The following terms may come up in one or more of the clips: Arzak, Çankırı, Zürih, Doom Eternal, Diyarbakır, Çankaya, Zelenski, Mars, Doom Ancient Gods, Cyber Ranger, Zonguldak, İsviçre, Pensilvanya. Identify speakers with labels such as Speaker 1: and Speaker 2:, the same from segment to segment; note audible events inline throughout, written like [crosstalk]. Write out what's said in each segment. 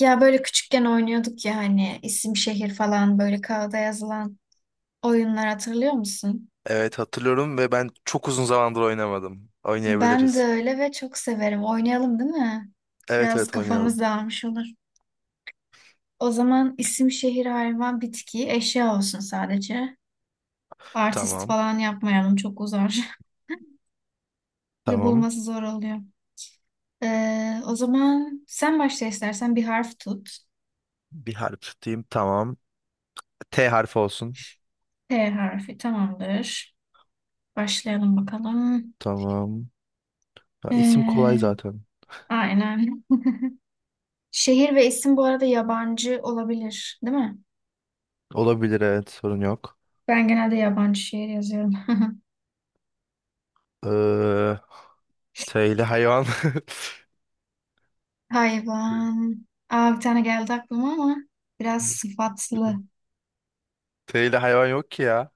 Speaker 1: Ya böyle küçükken oynuyorduk ya hani isim şehir falan böyle kağıda yazılan oyunlar hatırlıyor musun?
Speaker 2: Evet hatırlıyorum ve ben çok uzun zamandır oynamadım.
Speaker 1: Ben de
Speaker 2: Oynayabiliriz.
Speaker 1: öyle ve çok severim. Oynayalım değil mi?
Speaker 2: Evet,
Speaker 1: Biraz
Speaker 2: evet, oynayalım.
Speaker 1: kafamız dağılmış olur. O zaman isim şehir hayvan bitki eşya olsun sadece. Artist
Speaker 2: Tamam.
Speaker 1: falan yapmayalım çok uzar. [laughs] Bir de
Speaker 2: Tamam.
Speaker 1: bulması zor oluyor. O zaman sen başla istersen bir harf tut.
Speaker 2: Bir harf tutayım. Tamam. T harfi olsun.
Speaker 1: T harfi tamamdır. Başlayalım bakalım.
Speaker 2: Tamam. Ha, isim kolay
Speaker 1: Ee,
Speaker 2: zaten.
Speaker 1: aynen. [laughs] Şehir ve isim bu arada yabancı olabilir, değil mi?
Speaker 2: Olabilir, evet, sorun yok.
Speaker 1: Ben genelde yabancı şehir yazıyorum. [laughs]
Speaker 2: Ee, T ile hayvan. [laughs]
Speaker 1: Hayvan. Aa, bir tane geldi aklıma ama biraz sıfatlı.
Speaker 2: T T ile hayvan yok ki ya.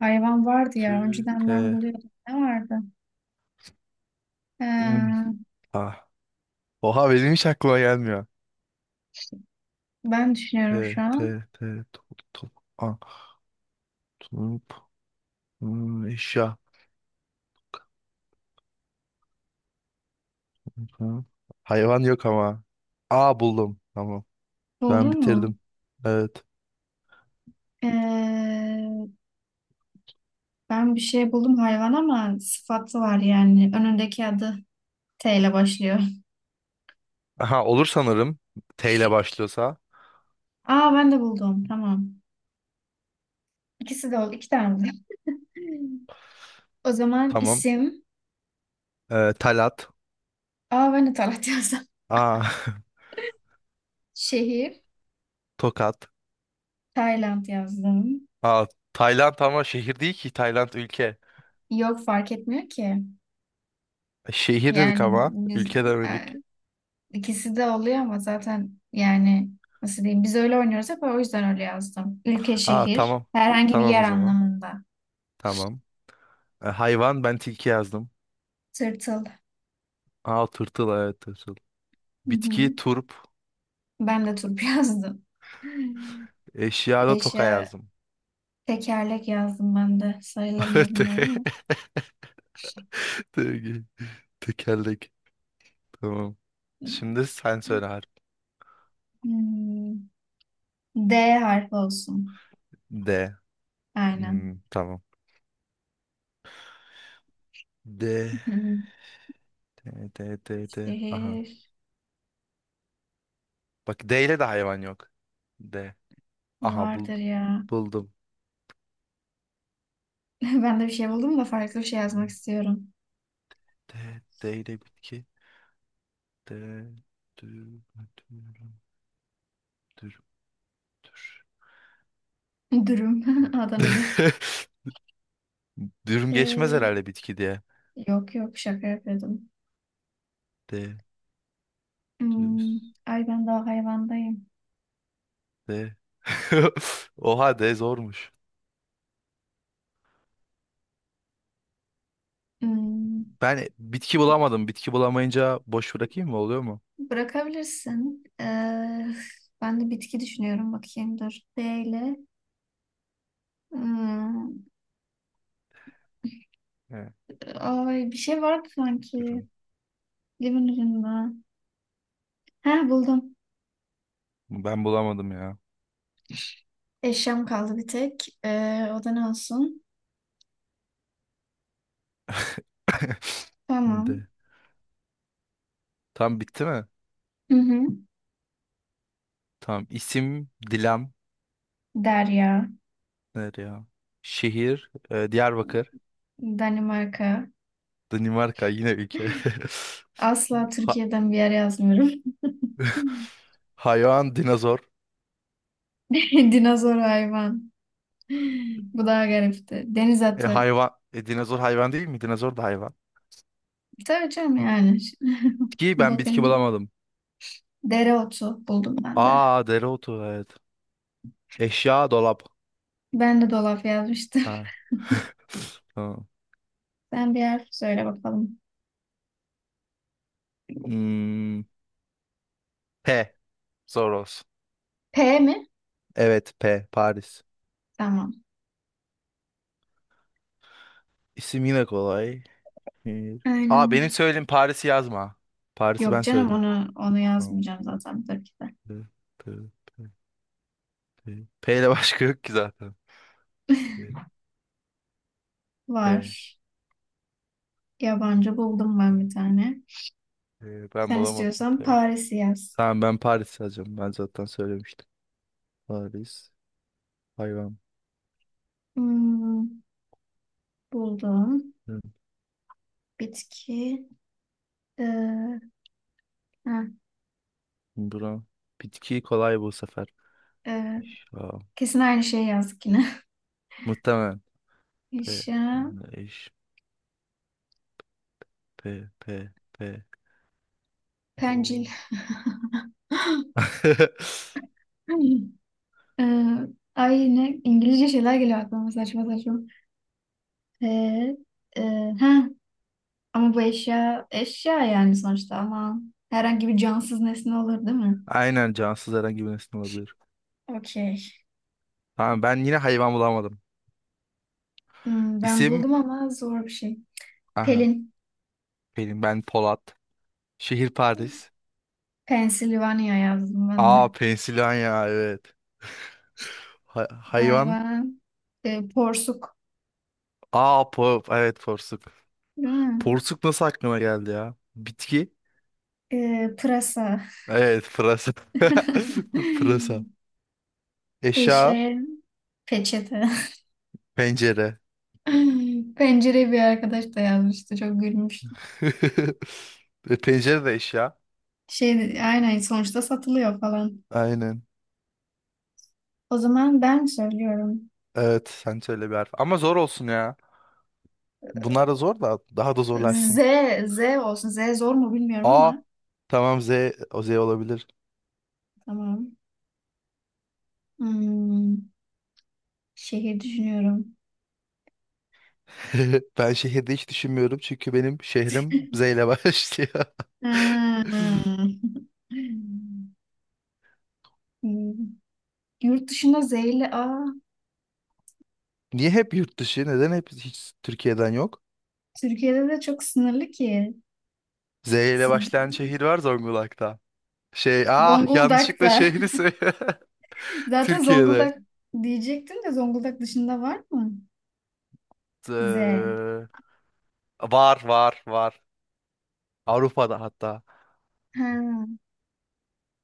Speaker 1: Hayvan vardı ya. Önceden ben
Speaker 2: T.
Speaker 1: buluyordum. Ne vardı?
Speaker 2: Hmm.
Speaker 1: Ee,
Speaker 2: Ah. Oha benim hiç aklıma gelmiyor.
Speaker 1: Ben düşünüyorum
Speaker 2: T,
Speaker 1: şu
Speaker 2: T,
Speaker 1: an.
Speaker 2: T, top, top, ah, top, eşya. Ha. Hayvan yok ama. Aa, buldum. Tamam. Ben
Speaker 1: Buldun mu?
Speaker 2: bitirdim. Evet.
Speaker 1: Ee, Ben bir şey buldum hayvan ama sıfatı var yani. Önündeki adı T ile başlıyor.
Speaker 2: Aha, olur sanırım. T ile başlıyorsa.
Speaker 1: Aa ben de buldum. Tamam. İkisi de oldu. İki tane buldum. [laughs] O zaman
Speaker 2: Tamam.
Speaker 1: isim.
Speaker 2: Talat.
Speaker 1: Aa ben de Talat yazdım.
Speaker 2: Aa,
Speaker 1: [laughs] Şehir
Speaker 2: [laughs] Tokat.
Speaker 1: Tayland yazdım.
Speaker 2: Aa, Tayland ama şehir değil ki. Tayland ülke.
Speaker 1: Yok fark etmiyor ki.
Speaker 2: Şehir dedik
Speaker 1: Yani
Speaker 2: ama.
Speaker 1: biz
Speaker 2: Ülke
Speaker 1: e,
Speaker 2: demedik.
Speaker 1: ikisi de oluyor ama zaten yani nasıl diyeyim biz öyle oynuyoruz hep o yüzden öyle yazdım. Ülke
Speaker 2: Aa,
Speaker 1: şehir
Speaker 2: tamam.
Speaker 1: herhangi bir
Speaker 2: Tamam o
Speaker 1: yer
Speaker 2: zaman.
Speaker 1: anlamında.
Speaker 2: Tamam. Hayvan ben tilki yazdım.
Speaker 1: Tırtıl.
Speaker 2: Aa, tırtıl, evet, tırtıl.
Speaker 1: Hı hı.
Speaker 2: Bitki turp.
Speaker 1: Ben de turp [laughs] yazdım.
Speaker 2: Eşyada toka
Speaker 1: Eşya
Speaker 2: yazdım.
Speaker 1: tekerlek yazdım ben de. Sayılır mı
Speaker 2: [laughs]
Speaker 1: bilmiyorum ama.
Speaker 2: Te- te- Tekerlek. Tamam. Şimdi sen söyle harf.
Speaker 1: Hmm, D harfi olsun.
Speaker 2: D.
Speaker 1: Aynen.
Speaker 2: Tamam. D.
Speaker 1: Hı hı.
Speaker 2: D. D. D. D. Aha.
Speaker 1: Şehir.
Speaker 2: Bak, D ile de hayvan yok. D. Aha,
Speaker 1: Vardır ya.
Speaker 2: buldum.
Speaker 1: [laughs] Ben de bir şey buldum da farklı bir şey yazmak
Speaker 2: Hmm.
Speaker 1: istiyorum.
Speaker 2: D. D ile bitki. D. Dür. Dür. Dür.
Speaker 1: [laughs] Dürüm. [laughs] Adana'dır.
Speaker 2: Dür. [laughs] Dürüm geçmez
Speaker 1: Ee,
Speaker 2: herhalde bitki diye.
Speaker 1: Yok yok şaka yapıyordum.
Speaker 2: D.
Speaker 1: Hmm,
Speaker 2: Düz.
Speaker 1: ay ben daha hayvandayım.
Speaker 2: D. [laughs] Oha, D zormuş.
Speaker 1: Hmm,
Speaker 2: Ben bitki
Speaker 1: git.
Speaker 2: bulamadım. Bitki bulamayınca boş bırakayım mı? Oluyor mu?
Speaker 1: Bırakabilirsin. Ben de bitki düşünüyorum bakayım dur. B ile. Hmm,
Speaker 2: He,
Speaker 1: ay bir şey vardı sanki.
Speaker 2: durum.
Speaker 1: Limin ürünü. Heh buldum.
Speaker 2: Ben bulamadım ya.
Speaker 1: Eşyam kaldı bir tek. O da ne olsun?
Speaker 2: [laughs]
Speaker 1: Tamam.
Speaker 2: De. Tam bitti mi?
Speaker 1: Hı hı.
Speaker 2: Tamam. İsim Dilan.
Speaker 1: Derya.
Speaker 2: Nerede ya? Şehir, Diyarbakır.
Speaker 1: Danimarka.
Speaker 2: Danimarka yine ülke. [laughs]
Speaker 1: Asla
Speaker 2: Ha-
Speaker 1: Türkiye'den bir yer yazmıyorum. [laughs]
Speaker 2: hayvan dinozor.
Speaker 1: Dinozor hayvan. Bu daha garipti. Deniz atı.
Speaker 2: Hayvan dinozor hayvan değil mi? Dinozor da hayvan.
Speaker 1: Tabii canım yani. [laughs]
Speaker 2: Bitki, ben bitki
Speaker 1: Bakınca.
Speaker 2: bulamadım.
Speaker 1: Dereotu buldum ben de.
Speaker 2: Aa, dereotu, evet. Eşya dolap.
Speaker 1: Ben de dolap yazmıştım.
Speaker 2: Ha. [laughs] Tamam.
Speaker 1: [laughs] Sen bir harf söyle bakalım.
Speaker 2: Hmm, P. Zor olsun.
Speaker 1: P mi?
Speaker 2: Evet, P, Paris.
Speaker 1: Tamam.
Speaker 2: İsim yine kolay. Bir- Aa, benim
Speaker 1: Aynen.
Speaker 2: söylediğim Paris'i yazma. Paris'i
Speaker 1: Yok
Speaker 2: ben
Speaker 1: canım
Speaker 2: söyledim.
Speaker 1: onu
Speaker 2: Tamam.
Speaker 1: yazmayacağım zaten tabii ki de.
Speaker 2: P, P, P, P. P ile başka yok ki zaten. P, P,
Speaker 1: Var. Yabancı buldum
Speaker 2: P.
Speaker 1: ben bir tane.
Speaker 2: P. Ben
Speaker 1: Sen
Speaker 2: bulamadım
Speaker 1: istiyorsan
Speaker 2: P.
Speaker 1: Paris'i yaz.
Speaker 2: Tamam, ben Paris yazacağım. Ben zaten söylemiştim. Paris. Hayvan.
Speaker 1: Hmm, buldum.
Speaker 2: Hı.
Speaker 1: Bitki. Ee, ha.
Speaker 2: Bura. Bitki kolay bu sefer.
Speaker 1: Ee,
Speaker 2: Ya,
Speaker 1: Kesin aynı şeyi yazdık yine.
Speaker 2: muhtemelen.
Speaker 1: [laughs]
Speaker 2: P.
Speaker 1: Eşya,
Speaker 2: Eş. P. P. P.
Speaker 1: pencil.
Speaker 2: O.
Speaker 1: [clears throat]
Speaker 2: [laughs]
Speaker 1: [laughs] Ee, Ay yine İngilizce şeyler geliyor aklıma saçma saçma. Ee, e, ha, Ama bu eşya yani sonuçta ama herhangi bir cansız nesne olur değil mi?
Speaker 2: Aynen, cansız herhangi bir nesne olabilir.
Speaker 1: Okey.
Speaker 2: Tamam, ben yine hayvan bulamadım.
Speaker 1: Hmm, ben
Speaker 2: İsim,
Speaker 1: buldum ama zor bir şey.
Speaker 2: aha
Speaker 1: Pelin.
Speaker 2: benim, ben Polat. Şehir Paris.
Speaker 1: Pennsylvania yazdım ben de.
Speaker 2: Aa, Pensilvanya, evet. Hayvan.
Speaker 1: Hayvan. Porsuk.
Speaker 2: Aa, evet, porsuk.
Speaker 1: Değil mi?
Speaker 2: Porsuk nasıl aklıma geldi ya? Bitki.
Speaker 1: Pırasa.
Speaker 2: Evet, pırasa.
Speaker 1: [laughs]
Speaker 2: [laughs] Pırasa. Eşya
Speaker 1: Eşeğe. Peçete. [laughs]
Speaker 2: pencere.
Speaker 1: [laughs] Pencereye bir arkadaş da yazmıştı. Çok gülmüştüm.
Speaker 2: [laughs] Pencere de eşya.
Speaker 1: Şey, aynen sonuçta satılıyor falan.
Speaker 2: Aynen.
Speaker 1: O zaman ben söylüyorum.
Speaker 2: Evet, sen söyle bir harf. Ama zor olsun ya. Bunlar da zor, da daha da
Speaker 1: Z,
Speaker 2: zorlaşsın.
Speaker 1: Z olsun. Z zor mu bilmiyorum
Speaker 2: A,
Speaker 1: ama.
Speaker 2: tamam, Z, o Z olabilir.
Speaker 1: Tamam. Hmm, şehir düşünüyorum.
Speaker 2: [laughs] Ben şehirde hiç düşünmüyorum çünkü benim şehrim Z ile başlıyor. [laughs]
Speaker 1: Hmm. Hmm. Yurt dışında Z ile A.
Speaker 2: Niye hep yurt dışı? Neden hep hiç Türkiye'den yok?
Speaker 1: Türkiye'de de çok sınırlı ki.
Speaker 2: Z ile
Speaker 1: Siz,
Speaker 2: başlayan şehir var Zonguldak'ta. Şey, ah, yanlışlıkla
Speaker 1: Zonguldak'ta.
Speaker 2: şehri
Speaker 1: [laughs]
Speaker 2: söyle. [laughs]
Speaker 1: Zaten
Speaker 2: Türkiye'de.
Speaker 1: Zonguldak diyecektim de Zonguldak dışında var mı? Z.
Speaker 2: Z- Var, var, var. Avrupa'da hatta.
Speaker 1: Ha.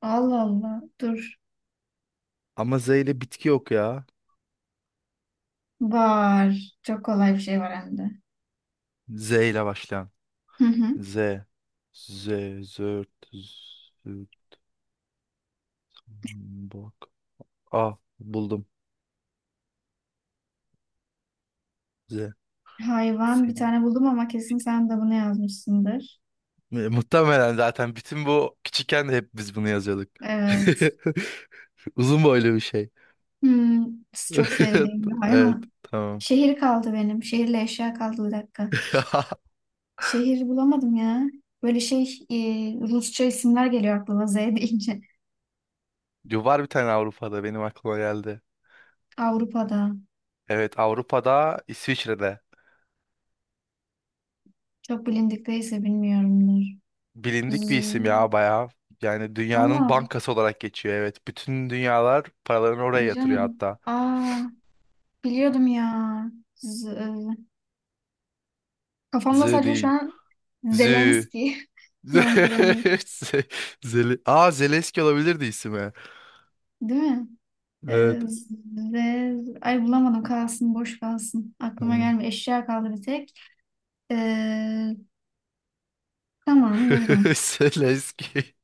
Speaker 1: Allah Allah. Dur.
Speaker 2: Ama Z ile bitki yok ya.
Speaker 1: Var. Çok kolay bir şey var hem de.
Speaker 2: Z ile başlayan.
Speaker 1: Hı hı.
Speaker 2: Z. Z. Zört. Bak. Ah, buldum. Z.
Speaker 1: Hayvan
Speaker 2: Z.
Speaker 1: bir tane buldum ama kesin sen de bunu yazmışsındır.
Speaker 2: Muhtemelen zaten, bütün bu küçükken de hep biz bunu yazıyorduk. [laughs]
Speaker 1: Evet.
Speaker 2: Uzun boylu bir şey.
Speaker 1: Hmm, çok sevdiğim bir
Speaker 2: [laughs] Evet,
Speaker 1: hayvan.
Speaker 2: tamam.
Speaker 1: Şehir kaldı benim. Şehirle eşya kaldı bir dakika.
Speaker 2: [laughs]
Speaker 1: Şehir bulamadım ya. Böyle Rusça isimler geliyor aklıma Z deyince.
Speaker 2: Yo, var bir tane Avrupa'da, benim aklıma geldi.
Speaker 1: [laughs] Avrupa'da.
Speaker 2: Evet, Avrupa'da, İsviçre'de.
Speaker 1: Çok bilindik değilse bilmiyorumdur.
Speaker 2: Bilindik
Speaker 1: Z
Speaker 2: bir isim ya bayağı. Yani dünyanın
Speaker 1: Allah Allah.
Speaker 2: bankası olarak geçiyor, evet. Bütün dünyalar paralarını oraya yatırıyor
Speaker 1: Canım.
Speaker 2: hatta.
Speaker 1: Aa, biliyordum ya. Z, Kafamda
Speaker 2: Z
Speaker 1: sadece şu
Speaker 2: değil.
Speaker 1: an
Speaker 2: Zü.
Speaker 1: Zelenski
Speaker 2: [laughs]
Speaker 1: [laughs] yankılanıyor.
Speaker 2: Z- Zeli. Aa, Zelenski olabilirdi ismi.
Speaker 1: Değil mi? Ee,
Speaker 2: Evet.
Speaker 1: Ay bulamadım kalsın boş kalsın. Aklıma
Speaker 2: Tamam.
Speaker 1: gelmiyor. Eşya kaldı bir tek. Ee, tamam
Speaker 2: [laughs]
Speaker 1: buldum.
Speaker 2: Zelenski.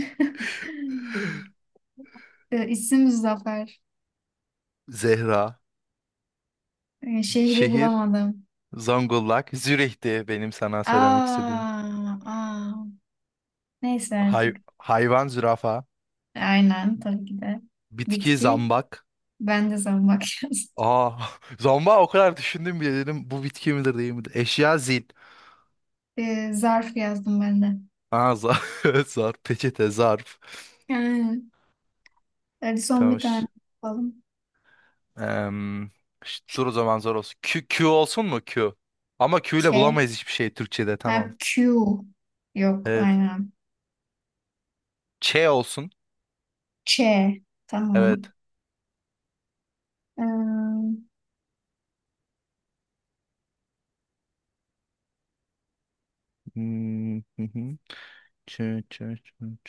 Speaker 1: [laughs] İsim Zafer.
Speaker 2: Zehra,
Speaker 1: Şehri
Speaker 2: şehir,
Speaker 1: bulamadım.
Speaker 2: Zonguldak, Zürih'ti benim sana söylemek
Speaker 1: Aa,
Speaker 2: istediğim.
Speaker 1: aa. Neyse
Speaker 2: Hay
Speaker 1: artık.
Speaker 2: hayvan zürafa,
Speaker 1: Aynen tabii ki de.
Speaker 2: bitki
Speaker 1: Bitki.
Speaker 2: zambak.
Speaker 1: Ben de zambak [laughs] yazdım.
Speaker 2: Aa, [laughs] zambak, o kadar düşündüm bile, dedim bu bitki midir değil midir? Eşya zil.
Speaker 1: Zarf yazdım ben de.
Speaker 2: Aa, [laughs] zarf, peçete, zarf.
Speaker 1: Yani, hadi son bir
Speaker 2: Tamam.
Speaker 1: tane yapalım.
Speaker 2: Em, dur o zaman, zor olsun. Q, Q olsun mu, Q? Ama Q ile
Speaker 1: K.
Speaker 2: bulamayız hiçbir şey Türkçe'de, tamam.
Speaker 1: Ha, Q. Yok
Speaker 2: Evet.
Speaker 1: aynen.
Speaker 2: Ç olsun.
Speaker 1: Ç. Tamam.
Speaker 2: Evet.
Speaker 1: Ee,
Speaker 2: Hmm, hı hı. Ç, ç, ç, ç.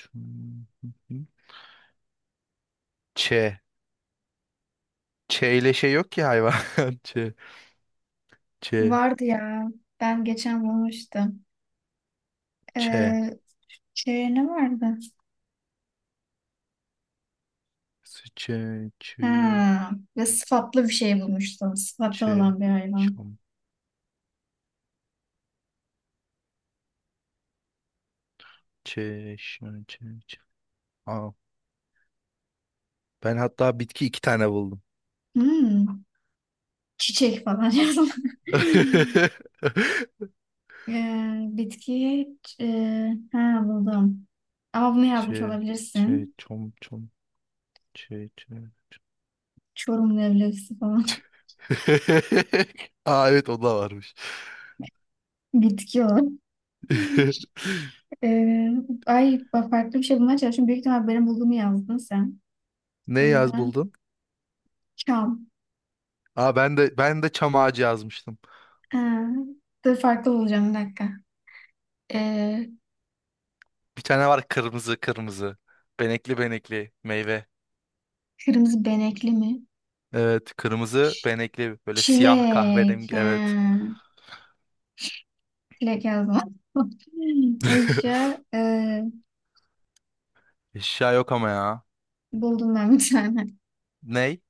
Speaker 2: Ç. Ç ile şey yok ki, hayvan. [laughs] Ç. Ç.
Speaker 1: Vardı ya. Ben geçen bulmuştum.
Speaker 2: Ç.
Speaker 1: Ee, Ç ne vardı?
Speaker 2: Ç. Ç.
Speaker 1: Ha, ve sıfatlı bir şey bulmuştum. Sıfatlı
Speaker 2: Ç.
Speaker 1: olan bir hayvan.
Speaker 2: Çam. Ç. Ş. Ç. Ç. Aa, ben hatta bitki iki tane buldum.
Speaker 1: Hmm, çiçek falan yazdım. [laughs]
Speaker 2: [laughs]
Speaker 1: Bitki. ç- buldum. Ama bunu
Speaker 2: Ç.
Speaker 1: yazmış
Speaker 2: Ç.
Speaker 1: olabilirsin.
Speaker 2: Çom. Çom. Ç. Ç.
Speaker 1: Çorumlu evlevsi falan.
Speaker 2: [laughs] Aa, evet, o da varmış.
Speaker 1: [laughs] Bitki o.
Speaker 2: [laughs]
Speaker 1: Ee, Ay bak farklı bir şey bulmaya çalışıyorum. Büyük ihtimal benim bulduğumu yazdın sen.
Speaker 2: Ne
Speaker 1: O
Speaker 2: yaz
Speaker 1: yüzden
Speaker 2: buldun?
Speaker 1: çam.
Speaker 2: Aa, ben de çam ağacı yazmıştım.
Speaker 1: Ha, dur farklı bulacağım bir dakika. Ee,
Speaker 2: Bir tane var kırmızı kırmızı. Benekli benekli meyve.
Speaker 1: Kırmızı benekli mi?
Speaker 2: Evet, kırmızı benekli, böyle siyah,
Speaker 1: Çilek.
Speaker 2: kahverengi, evet.
Speaker 1: Ha, çilek yazdım. [laughs]
Speaker 2: [laughs]
Speaker 1: Eşya.
Speaker 2: Eşya yok ama ya.
Speaker 1: Buldum ben bir tane.
Speaker 2: Ney?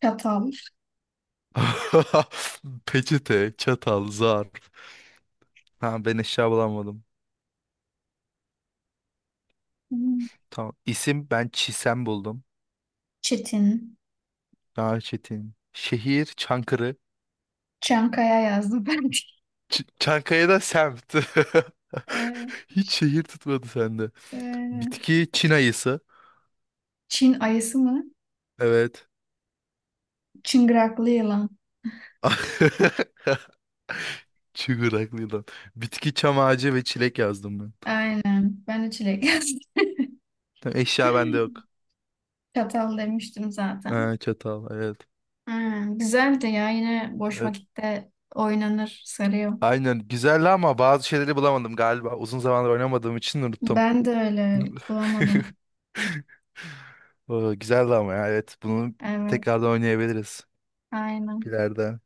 Speaker 1: Çatal.
Speaker 2: [laughs] Peçete, çatal, zarf. Ha, ben eşya bulamadım.
Speaker 1: Hmm,
Speaker 2: Tamam. İsim, ben Çisem buldum.
Speaker 1: Çetin.
Speaker 2: Daha çetin. Şehir Çankırı.
Speaker 1: Çankaya yazdım ben. [laughs]
Speaker 2: Çankaya'da semt. [laughs]
Speaker 1: Ee,
Speaker 2: Hiç şehir tutmadı sende.
Speaker 1: ee,
Speaker 2: Bitki Çin ayısı.
Speaker 1: Çin ayısı mı?
Speaker 2: Evet.
Speaker 1: Çıngıraklı yılan.
Speaker 2: [laughs] Çıngıraklı yılan. Bitki çam ağacı ve çilek yazdım ben.
Speaker 1: Aynen. Ben de çilek yazdım.
Speaker 2: Tamam, eşya bende
Speaker 1: [laughs]
Speaker 2: yok.
Speaker 1: Çatal demiştim zaten.
Speaker 2: Ha, çatal, evet.
Speaker 1: Ha, güzel de ya yine boş
Speaker 2: Evet.
Speaker 1: vakitte oynanır sarıyor.
Speaker 2: Aynen, güzel, ama bazı şeyleri bulamadım galiba. Uzun zamandır oynamadığım için unuttum.
Speaker 1: Ben de öyle
Speaker 2: [laughs]
Speaker 1: bulamadım.
Speaker 2: Oo, güzeldi ama ya, evet. Bunu
Speaker 1: Evet
Speaker 2: tekrardan oynayabiliriz
Speaker 1: aynen.
Speaker 2: ileride.